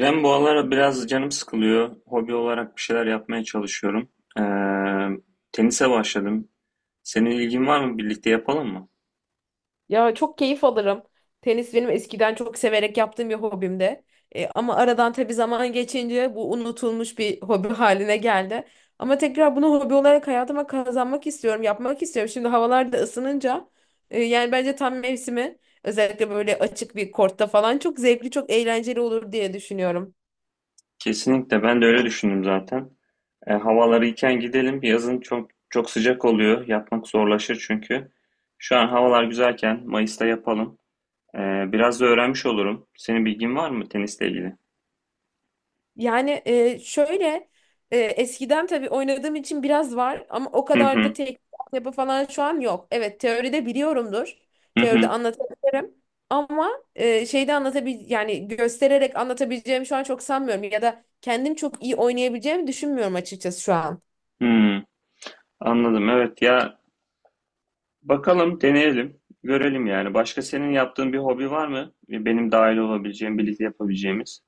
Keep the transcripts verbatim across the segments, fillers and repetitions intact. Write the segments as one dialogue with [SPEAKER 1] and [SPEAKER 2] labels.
[SPEAKER 1] Ben bu aralar biraz canım sıkılıyor. Hobi olarak bir şeyler yapmaya çalışıyorum. Ee, Tenise başladım. Senin ilgin var mı? Birlikte yapalım mı?
[SPEAKER 2] Ya çok keyif alırım. Tenis benim eskiden çok severek yaptığım bir hobimdi. E, ama aradan tabii zaman geçince bu unutulmuş bir hobi haline geldi. Ama tekrar bunu hobi olarak hayatıma kazanmak istiyorum, yapmak istiyorum. Şimdi havalar da ısınınca e, yani bence tam mevsimi, özellikle böyle açık bir kortta falan çok zevkli, çok eğlenceli olur diye düşünüyorum.
[SPEAKER 1] Kesinlikle. Ben de öyle düşündüm zaten. Ee, havalar iyiken gidelim. Yazın çok çok sıcak oluyor. Yapmak zorlaşır çünkü. Şu an havalar güzelken Mayıs'ta yapalım. Ee, biraz da öğrenmiş olurum. Senin bilgin var mı tenisle ilgili?
[SPEAKER 2] Yani e, şöyle, e, eskiden tabii oynadığım için biraz var ama o
[SPEAKER 1] Hı
[SPEAKER 2] kadar da
[SPEAKER 1] hı.
[SPEAKER 2] teknik yapı falan şu an yok. Evet, teoride biliyorumdur.
[SPEAKER 1] Hı
[SPEAKER 2] Teoride
[SPEAKER 1] hı.
[SPEAKER 2] anlatabilirim. Ama e, şeyde anlatabil yani göstererek anlatabileceğim şu an çok sanmıyorum ya da kendim çok iyi oynayabileceğimi düşünmüyorum açıkçası şu an.
[SPEAKER 1] Hı. Anladım. Evet ya, bakalım, deneyelim, görelim yani. Başka senin yaptığın bir hobi var mı? Benim dahil olabileceğim, birlikte yapabileceğimiz.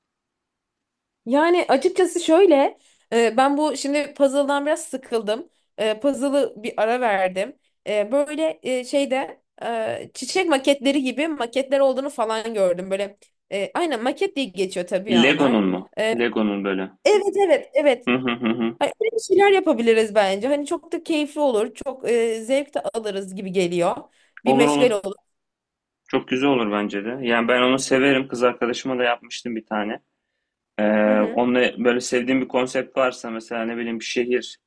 [SPEAKER 2] Yani açıkçası şöyle, e, ben bu şimdi puzzle'dan biraz sıkıldım. E, puzzle'ı bir ara verdim. E, böyle, e, şeyde, e, çiçek maketleri gibi maketler olduğunu falan gördüm. Böyle e, aynen maket diye geçiyor tabii ya onlar.
[SPEAKER 1] Lego'nun mu?
[SPEAKER 2] E,
[SPEAKER 1] Lego'nun böyle.
[SPEAKER 2] evet, evet, evet.
[SPEAKER 1] Hı hı hı hı.
[SPEAKER 2] Hani öyle bir şeyler yapabiliriz bence. Hani çok da keyifli olur, çok e, zevk de alırız gibi geliyor. Bir
[SPEAKER 1] Olur
[SPEAKER 2] meşgale
[SPEAKER 1] olur.
[SPEAKER 2] olur.
[SPEAKER 1] Çok güzel olur bence de. Yani ben onu severim. Kız arkadaşıma da yapmıştım bir tane. Ee,
[SPEAKER 2] Hı hı.
[SPEAKER 1] Onunla böyle sevdiğim bir konsept varsa mesela ne bileyim bir şehir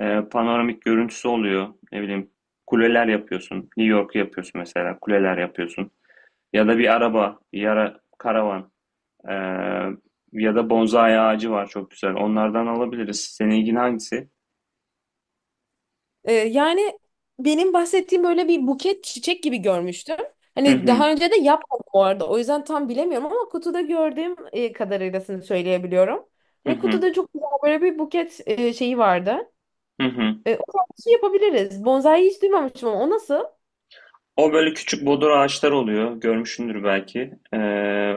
[SPEAKER 1] e, panoramik görüntüsü oluyor. Ne bileyim kuleler yapıyorsun. New York yapıyorsun mesela. Kuleler yapıyorsun. Ya da bir araba, bir ara karavan. Ee, Ya da bonsai ağacı var çok güzel. Onlardan alabiliriz. Senin ilgin hangisi?
[SPEAKER 2] Ee, yani benim bahsettiğim böyle bir buket çiçek gibi görmüştüm.
[SPEAKER 1] Hı
[SPEAKER 2] Hani
[SPEAKER 1] hı,
[SPEAKER 2] daha önce de yapmadım bu arada. O yüzden tam bilemiyorum ama kutuda gördüğüm e, kadarıylasını söyleyebiliyorum.
[SPEAKER 1] hı
[SPEAKER 2] Hani
[SPEAKER 1] hı,
[SPEAKER 2] kutuda çok güzel böyle bir buket e, şeyi vardı.
[SPEAKER 1] hı hı.
[SPEAKER 2] E, o tarz bir şey yapabiliriz. Bonsai hiç duymamıştım ama o nasıl?
[SPEAKER 1] O böyle küçük bodur ağaçlar oluyor. Görmüşsündür belki. Ee,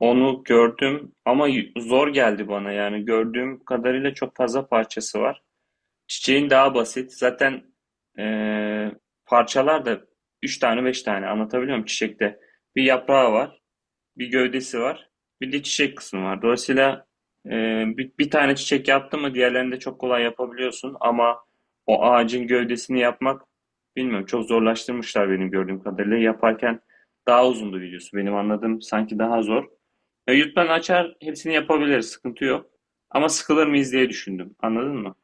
[SPEAKER 1] Onu gördüm ama y- zor geldi bana. Yani gördüğüm kadarıyla çok fazla parçası var. Çiçeğin daha basit. Zaten ee, parçalar da üç tane beş tane anlatabiliyor muyum çiçekte? Bir yaprağı var, bir gövdesi var. Bir de çiçek kısmı var. Dolayısıyla e, bir, bir tane çiçek yaptın mı diğerlerini de çok kolay yapabiliyorsun ama o ağacın gövdesini yapmak bilmiyorum çok zorlaştırmışlar benim gördüğüm kadarıyla. Yaparken daha uzundu videosu. Benim anladığım sanki daha zor. E, YouTube'dan açar hepsini yapabiliriz. Sıkıntı yok. Ama sıkılır mıyız diye düşündüm. Anladın mı?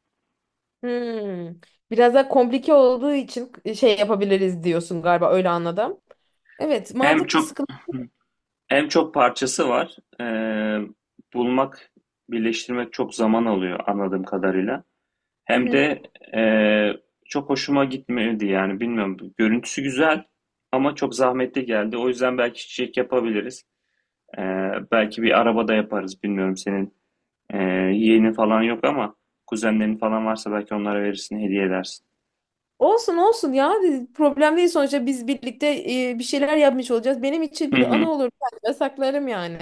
[SPEAKER 2] Hmm. Biraz daha komplike olduğu için şey yapabiliriz diyorsun galiba, öyle anladım. Evet,
[SPEAKER 1] Hem
[SPEAKER 2] mantıklı
[SPEAKER 1] çok
[SPEAKER 2] sıkıntı.
[SPEAKER 1] Hem çok parçası var. E, bulmak, birleştirmek çok zaman alıyor anladığım kadarıyla.
[SPEAKER 2] Hı
[SPEAKER 1] Hem
[SPEAKER 2] hı.
[SPEAKER 1] de eee, çok hoşuma gitmedi yani bilmiyorum. Görüntüsü güzel ama çok zahmetli geldi. O yüzden belki çiçek yapabiliriz. Eee, belki bir arabada yaparız. Bilmiyorum senin eee yeğenin falan yok ama kuzenlerin falan varsa belki onlara verirsin, hediye edersin.
[SPEAKER 2] Olsun olsun ya, problem değil. Sonuçta biz birlikte e, bir şeyler yapmış olacağız. Benim için
[SPEAKER 1] Hı
[SPEAKER 2] bile ana
[SPEAKER 1] hı,
[SPEAKER 2] olur, ben saklarım yani.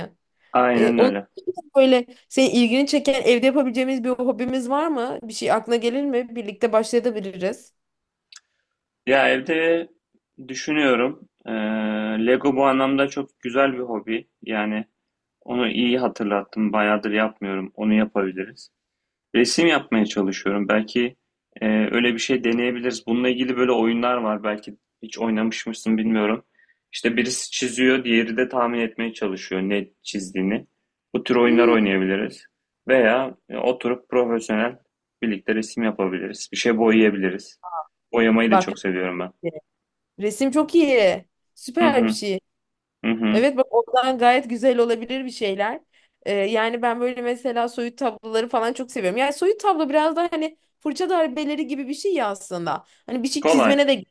[SPEAKER 2] E,
[SPEAKER 1] aynen
[SPEAKER 2] onun
[SPEAKER 1] öyle.
[SPEAKER 2] için de böyle senin ilgini çeken evde yapabileceğimiz bir hobimiz var mı? Bir şey aklına gelir mi? Birlikte başlayabiliriz.
[SPEAKER 1] Ya evde düşünüyorum. Eee, Lego bu anlamda çok güzel bir hobi. Yani onu iyi hatırlattım. Bayağıdır yapmıyorum. Onu yapabiliriz. Resim yapmaya çalışıyorum. Belki e, öyle bir şey deneyebiliriz. Bununla ilgili böyle oyunlar var. Belki hiç oynamış mısın bilmiyorum. İşte birisi çiziyor, diğeri de tahmin etmeye çalışıyor ne çizdiğini. Bu tür oyunlar
[SPEAKER 2] Hmm.
[SPEAKER 1] oynayabiliriz. Veya e, oturup profesyonel birlikte resim yapabiliriz. Bir şey boyayabiliriz. Boyamayı da
[SPEAKER 2] Bak,
[SPEAKER 1] çok seviyorum ben.
[SPEAKER 2] resim çok iyi.
[SPEAKER 1] Hı
[SPEAKER 2] Süper bir
[SPEAKER 1] hı,
[SPEAKER 2] şey.
[SPEAKER 1] hı hı.
[SPEAKER 2] Evet, bak ondan gayet güzel olabilir bir şeyler. Ee, yani ben böyle mesela soyut tabloları falan çok seviyorum. Yani soyut tablo biraz da hani fırça darbeleri gibi bir şey ya aslında. Hani bir şey
[SPEAKER 1] Kolay.
[SPEAKER 2] çizmene de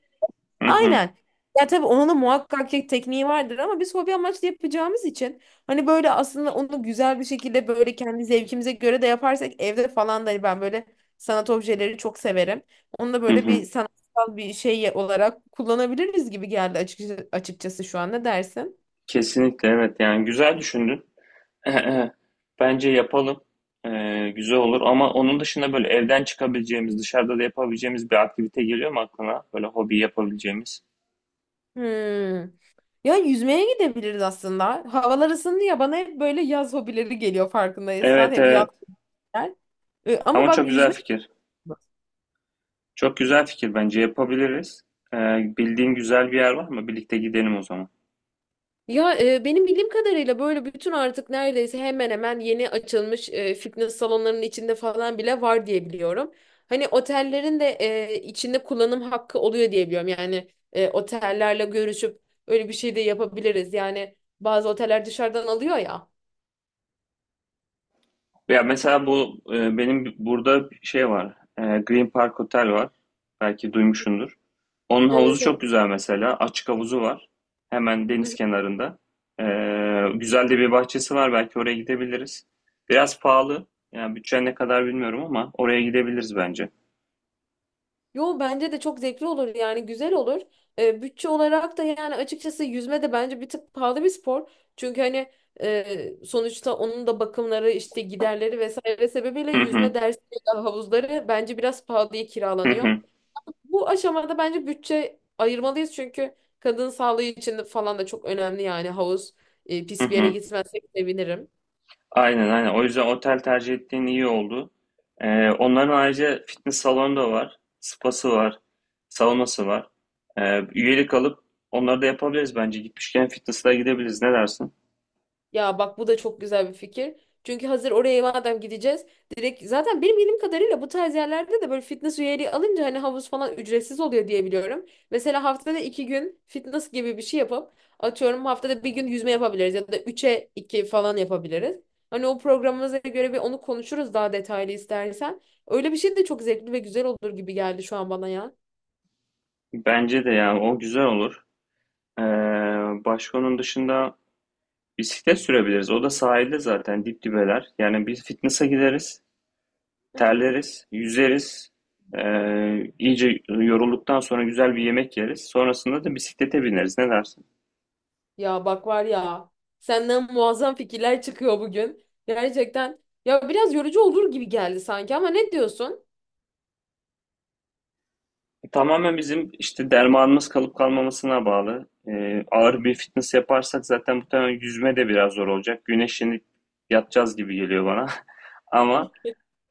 [SPEAKER 1] Hı hı,
[SPEAKER 2] aynen. Ya tabii onun da muhakkak ki tekniği vardır ama biz hobi amaçlı yapacağımız için hani böyle aslında onu güzel bir şekilde böyle kendi zevkimize göre de yaparsak evde falan da hani ben böyle sanat objeleri çok severim. Onu da
[SPEAKER 1] hı
[SPEAKER 2] böyle bir
[SPEAKER 1] hı.
[SPEAKER 2] sanatsal bir şey olarak kullanabiliriz gibi geldi açıkçası, açıkçası şu an, ne dersin?
[SPEAKER 1] Kesinlikle evet yani güzel düşündün. Bence yapalım. Ee, güzel olur ama onun dışında böyle evden çıkabileceğimiz, dışarıda da yapabileceğimiz bir aktivite geliyor mu aklına? Böyle hobi yapabileceğimiz.
[SPEAKER 2] Hmm. Ya yüzmeye gidebiliriz aslında. Havalar ısındı ya, bana hep böyle yaz hobileri geliyor farkındaysan.
[SPEAKER 1] Evet
[SPEAKER 2] Hep yaz.
[SPEAKER 1] evet.
[SPEAKER 2] Ee, ama
[SPEAKER 1] Ama
[SPEAKER 2] bak
[SPEAKER 1] çok güzel
[SPEAKER 2] yüzme.
[SPEAKER 1] fikir. Çok güzel fikir bence yapabiliriz. Ee, Bildiğin güzel bir yer var mı? Birlikte gidelim o zaman.
[SPEAKER 2] Ya e, benim bildiğim kadarıyla böyle bütün artık neredeyse hemen hemen yeni açılmış e, fitness salonlarının içinde falan bile var diye biliyorum. Hani otellerin de e, içinde kullanım hakkı oluyor diye biliyorum. Yani e, otellerle görüşüp öyle bir şey de yapabiliriz. Yani bazı oteller dışarıdan alıyor ya.
[SPEAKER 1] Ya mesela bu e, benim burada bir şey var. E, Green Park Hotel var. Belki duymuşsundur. Onun havuzu
[SPEAKER 2] Evet, evet.
[SPEAKER 1] çok güzel mesela. Açık havuzu var. Hemen deniz kenarında. E, Güzel de bir bahçesi var. Belki oraya gidebiliriz. Biraz pahalı. Yani bütçen ne kadar bilmiyorum ama oraya gidebiliriz bence.
[SPEAKER 2] Yo, bence de çok zevkli olur yani, güzel olur. Ee, bütçe olarak da yani açıkçası yüzme de bence bir tık pahalı bir spor. Çünkü hani e, sonuçta onun da bakımları, işte giderleri vesaire sebebiyle
[SPEAKER 1] Hı hı.
[SPEAKER 2] yüzme dersleri, havuzları bence biraz pahalıya
[SPEAKER 1] Hı
[SPEAKER 2] kiralanıyor.
[SPEAKER 1] hı.
[SPEAKER 2] Bu aşamada bence bütçe ayırmalıyız çünkü kadın sağlığı için de falan da çok önemli. Yani havuz e,
[SPEAKER 1] Hı
[SPEAKER 2] pis bir yere
[SPEAKER 1] hı.
[SPEAKER 2] gitmezsek sevinirim.
[SPEAKER 1] Aynen aynen. O yüzden otel tercih ettiğin iyi oldu. Ee, onların ayrıca fitness salonu da var. Spası var. Saunası var. Ee, üyelik alıp onları da yapabiliriz bence. Gitmişken fitness'a gidebiliriz. Ne dersin?
[SPEAKER 2] Ya bak, bu da çok güzel bir fikir. Çünkü hazır oraya madem gideceğiz, direkt zaten benim bildiğim kadarıyla bu tarz yerlerde de böyle fitness üyeliği alınca hani havuz falan ücretsiz oluyor diye biliyorum. Mesela haftada iki gün fitness gibi bir şey yapıp, atıyorum, haftada bir gün yüzme yapabiliriz ya da üçe iki falan yapabiliriz. Hani o programımıza göre bir onu konuşuruz daha detaylı istersen. Öyle bir şey de çok zevkli ve güzel olur gibi geldi şu an bana ya.
[SPEAKER 1] Bence de yani o güzel olur. Ee, Başka onun dışında bisiklet sürebiliriz. O da sahilde zaten dip dibeler. Yani biz fitness'a gideriz. Terleriz. Yüzeriz. Ee, iyice yorulduktan sonra güzel bir yemek yeriz. Sonrasında da bisiklete bineriz. Ne dersin?
[SPEAKER 2] Ya bak var ya, senden muazzam fikirler çıkıyor bugün. Gerçekten ya biraz yorucu olur gibi geldi sanki, ama ne diyorsun?
[SPEAKER 1] Tamamen bizim işte dermanımız kalıp kalmamasına bağlı. Ee, ağır bir fitness yaparsak zaten muhtemelen yüzme de biraz zor olacak. Güneşlenip yatacağız gibi geliyor bana. Ama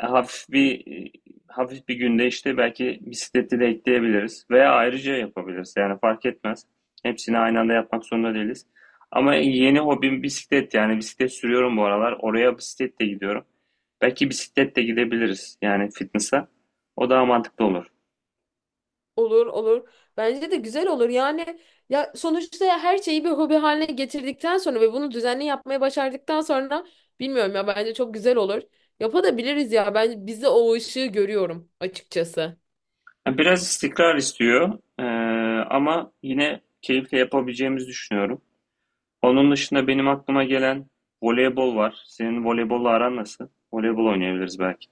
[SPEAKER 1] e, hafif bir e, hafif bir günde işte belki bisikleti de ekleyebiliriz veya ayrıca yapabiliriz. Yani fark etmez. Hepsini aynı anda yapmak zorunda değiliz. Ama yeni hobim bisiklet yani bisiklet sürüyorum bu aralar. Oraya bisikletle gidiyorum. Belki bisikletle gidebiliriz yani fitness'a. O daha mantıklı olur.
[SPEAKER 2] Olur olur. Bence de güzel olur. Yani ya sonuçta ya her şeyi bir hobi haline getirdikten sonra ve bunu düzenli yapmaya başardıktan sonra, bilmiyorum ya, bence çok güzel olur. Yapabiliriz ya. Ben bizde o ışığı görüyorum açıkçası.
[SPEAKER 1] Ya biraz istikrar istiyor. Ee, ama yine keyifle yapabileceğimizi düşünüyorum. Onun dışında benim aklıma gelen voleybol var. Senin voleybolla aran nasıl? Voleybol oynayabiliriz belki.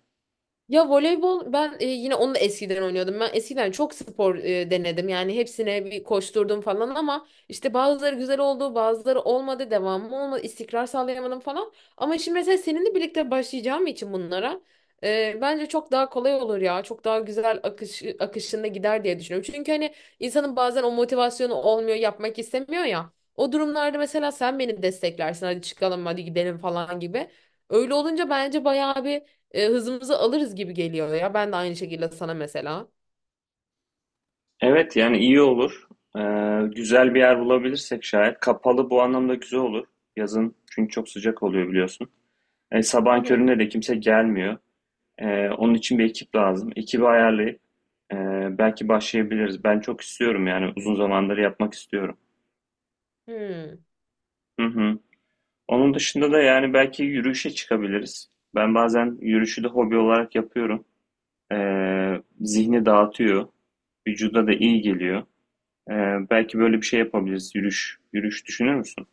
[SPEAKER 2] Ya voleybol, ben e, yine onu da eskiden oynuyordum. Ben eskiden çok spor e, denedim. Yani hepsine bir koşturdum falan ama işte bazıları güzel oldu, bazıları olmadı, devamı olmadı, istikrar sağlayamadım falan. Ama şimdi mesela seninle birlikte başlayacağım için bunlara e, bence çok daha kolay olur ya. Çok daha güzel akış akışında gider diye düşünüyorum. Çünkü hani insanın bazen o motivasyonu olmuyor, yapmak istemiyor ya. O durumlarda mesela sen beni desteklersin. Hadi çıkalım, hadi gidelim falan gibi. Öyle olunca bence bayağı bir e, hızımızı alırız gibi geliyor ya. Ben de aynı şekilde sana mesela.
[SPEAKER 1] Evet yani iyi olur. Ee, güzel bir yer bulabilirsek şayet. Kapalı bu anlamda güzel olur. Yazın çünkü çok sıcak oluyor biliyorsun. E,
[SPEAKER 2] Hı
[SPEAKER 1] sabahın
[SPEAKER 2] hı.
[SPEAKER 1] köründe de kimse gelmiyor. Ee, onun için bir ekip lazım. Ekibi ayarlayıp e, belki başlayabiliriz. Ben çok istiyorum yani uzun zamandır yapmak istiyorum.
[SPEAKER 2] Hmm.
[SPEAKER 1] Hı hı. Onun dışında da yani belki yürüyüşe çıkabiliriz. Ben bazen yürüyüşü de hobi olarak yapıyorum. Ee, zihni dağıtıyor. Vücuda da iyi geliyor. Ee, belki böyle bir şey yapabiliriz. Yürüyüş, yürüyüş düşünür müsün?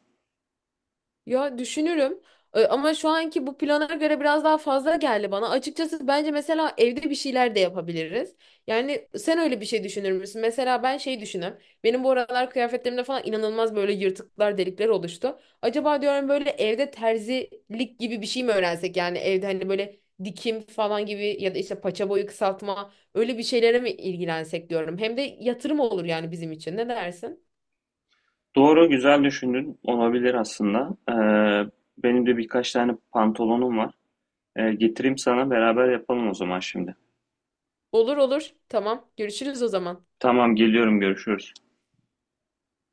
[SPEAKER 2] Ya düşünürüm. E, ama şu anki bu plana göre biraz daha fazla geldi bana. Açıkçası bence mesela evde bir şeyler de yapabiliriz. Yani sen öyle bir şey düşünür müsün? Mesela ben şey düşünüyorum. Benim bu aralar kıyafetlerimde falan inanılmaz böyle yırtıklar, delikler oluştu. Acaba diyorum, böyle evde terzilik gibi bir şey mi öğrensek? Yani evde hani böyle dikim falan gibi ya da işte paça boyu kısaltma öyle bir şeylere mi ilgilensek diyorum. Hem de yatırım olur yani bizim için. Ne dersin?
[SPEAKER 1] Doğru, güzel düşündün. Olabilir aslında. Ee, benim de birkaç tane pantolonum var. Ee, getireyim sana beraber yapalım o zaman şimdi.
[SPEAKER 2] Olur olur. Tamam. Görüşürüz o zaman.
[SPEAKER 1] Tamam, geliyorum, görüşürüz.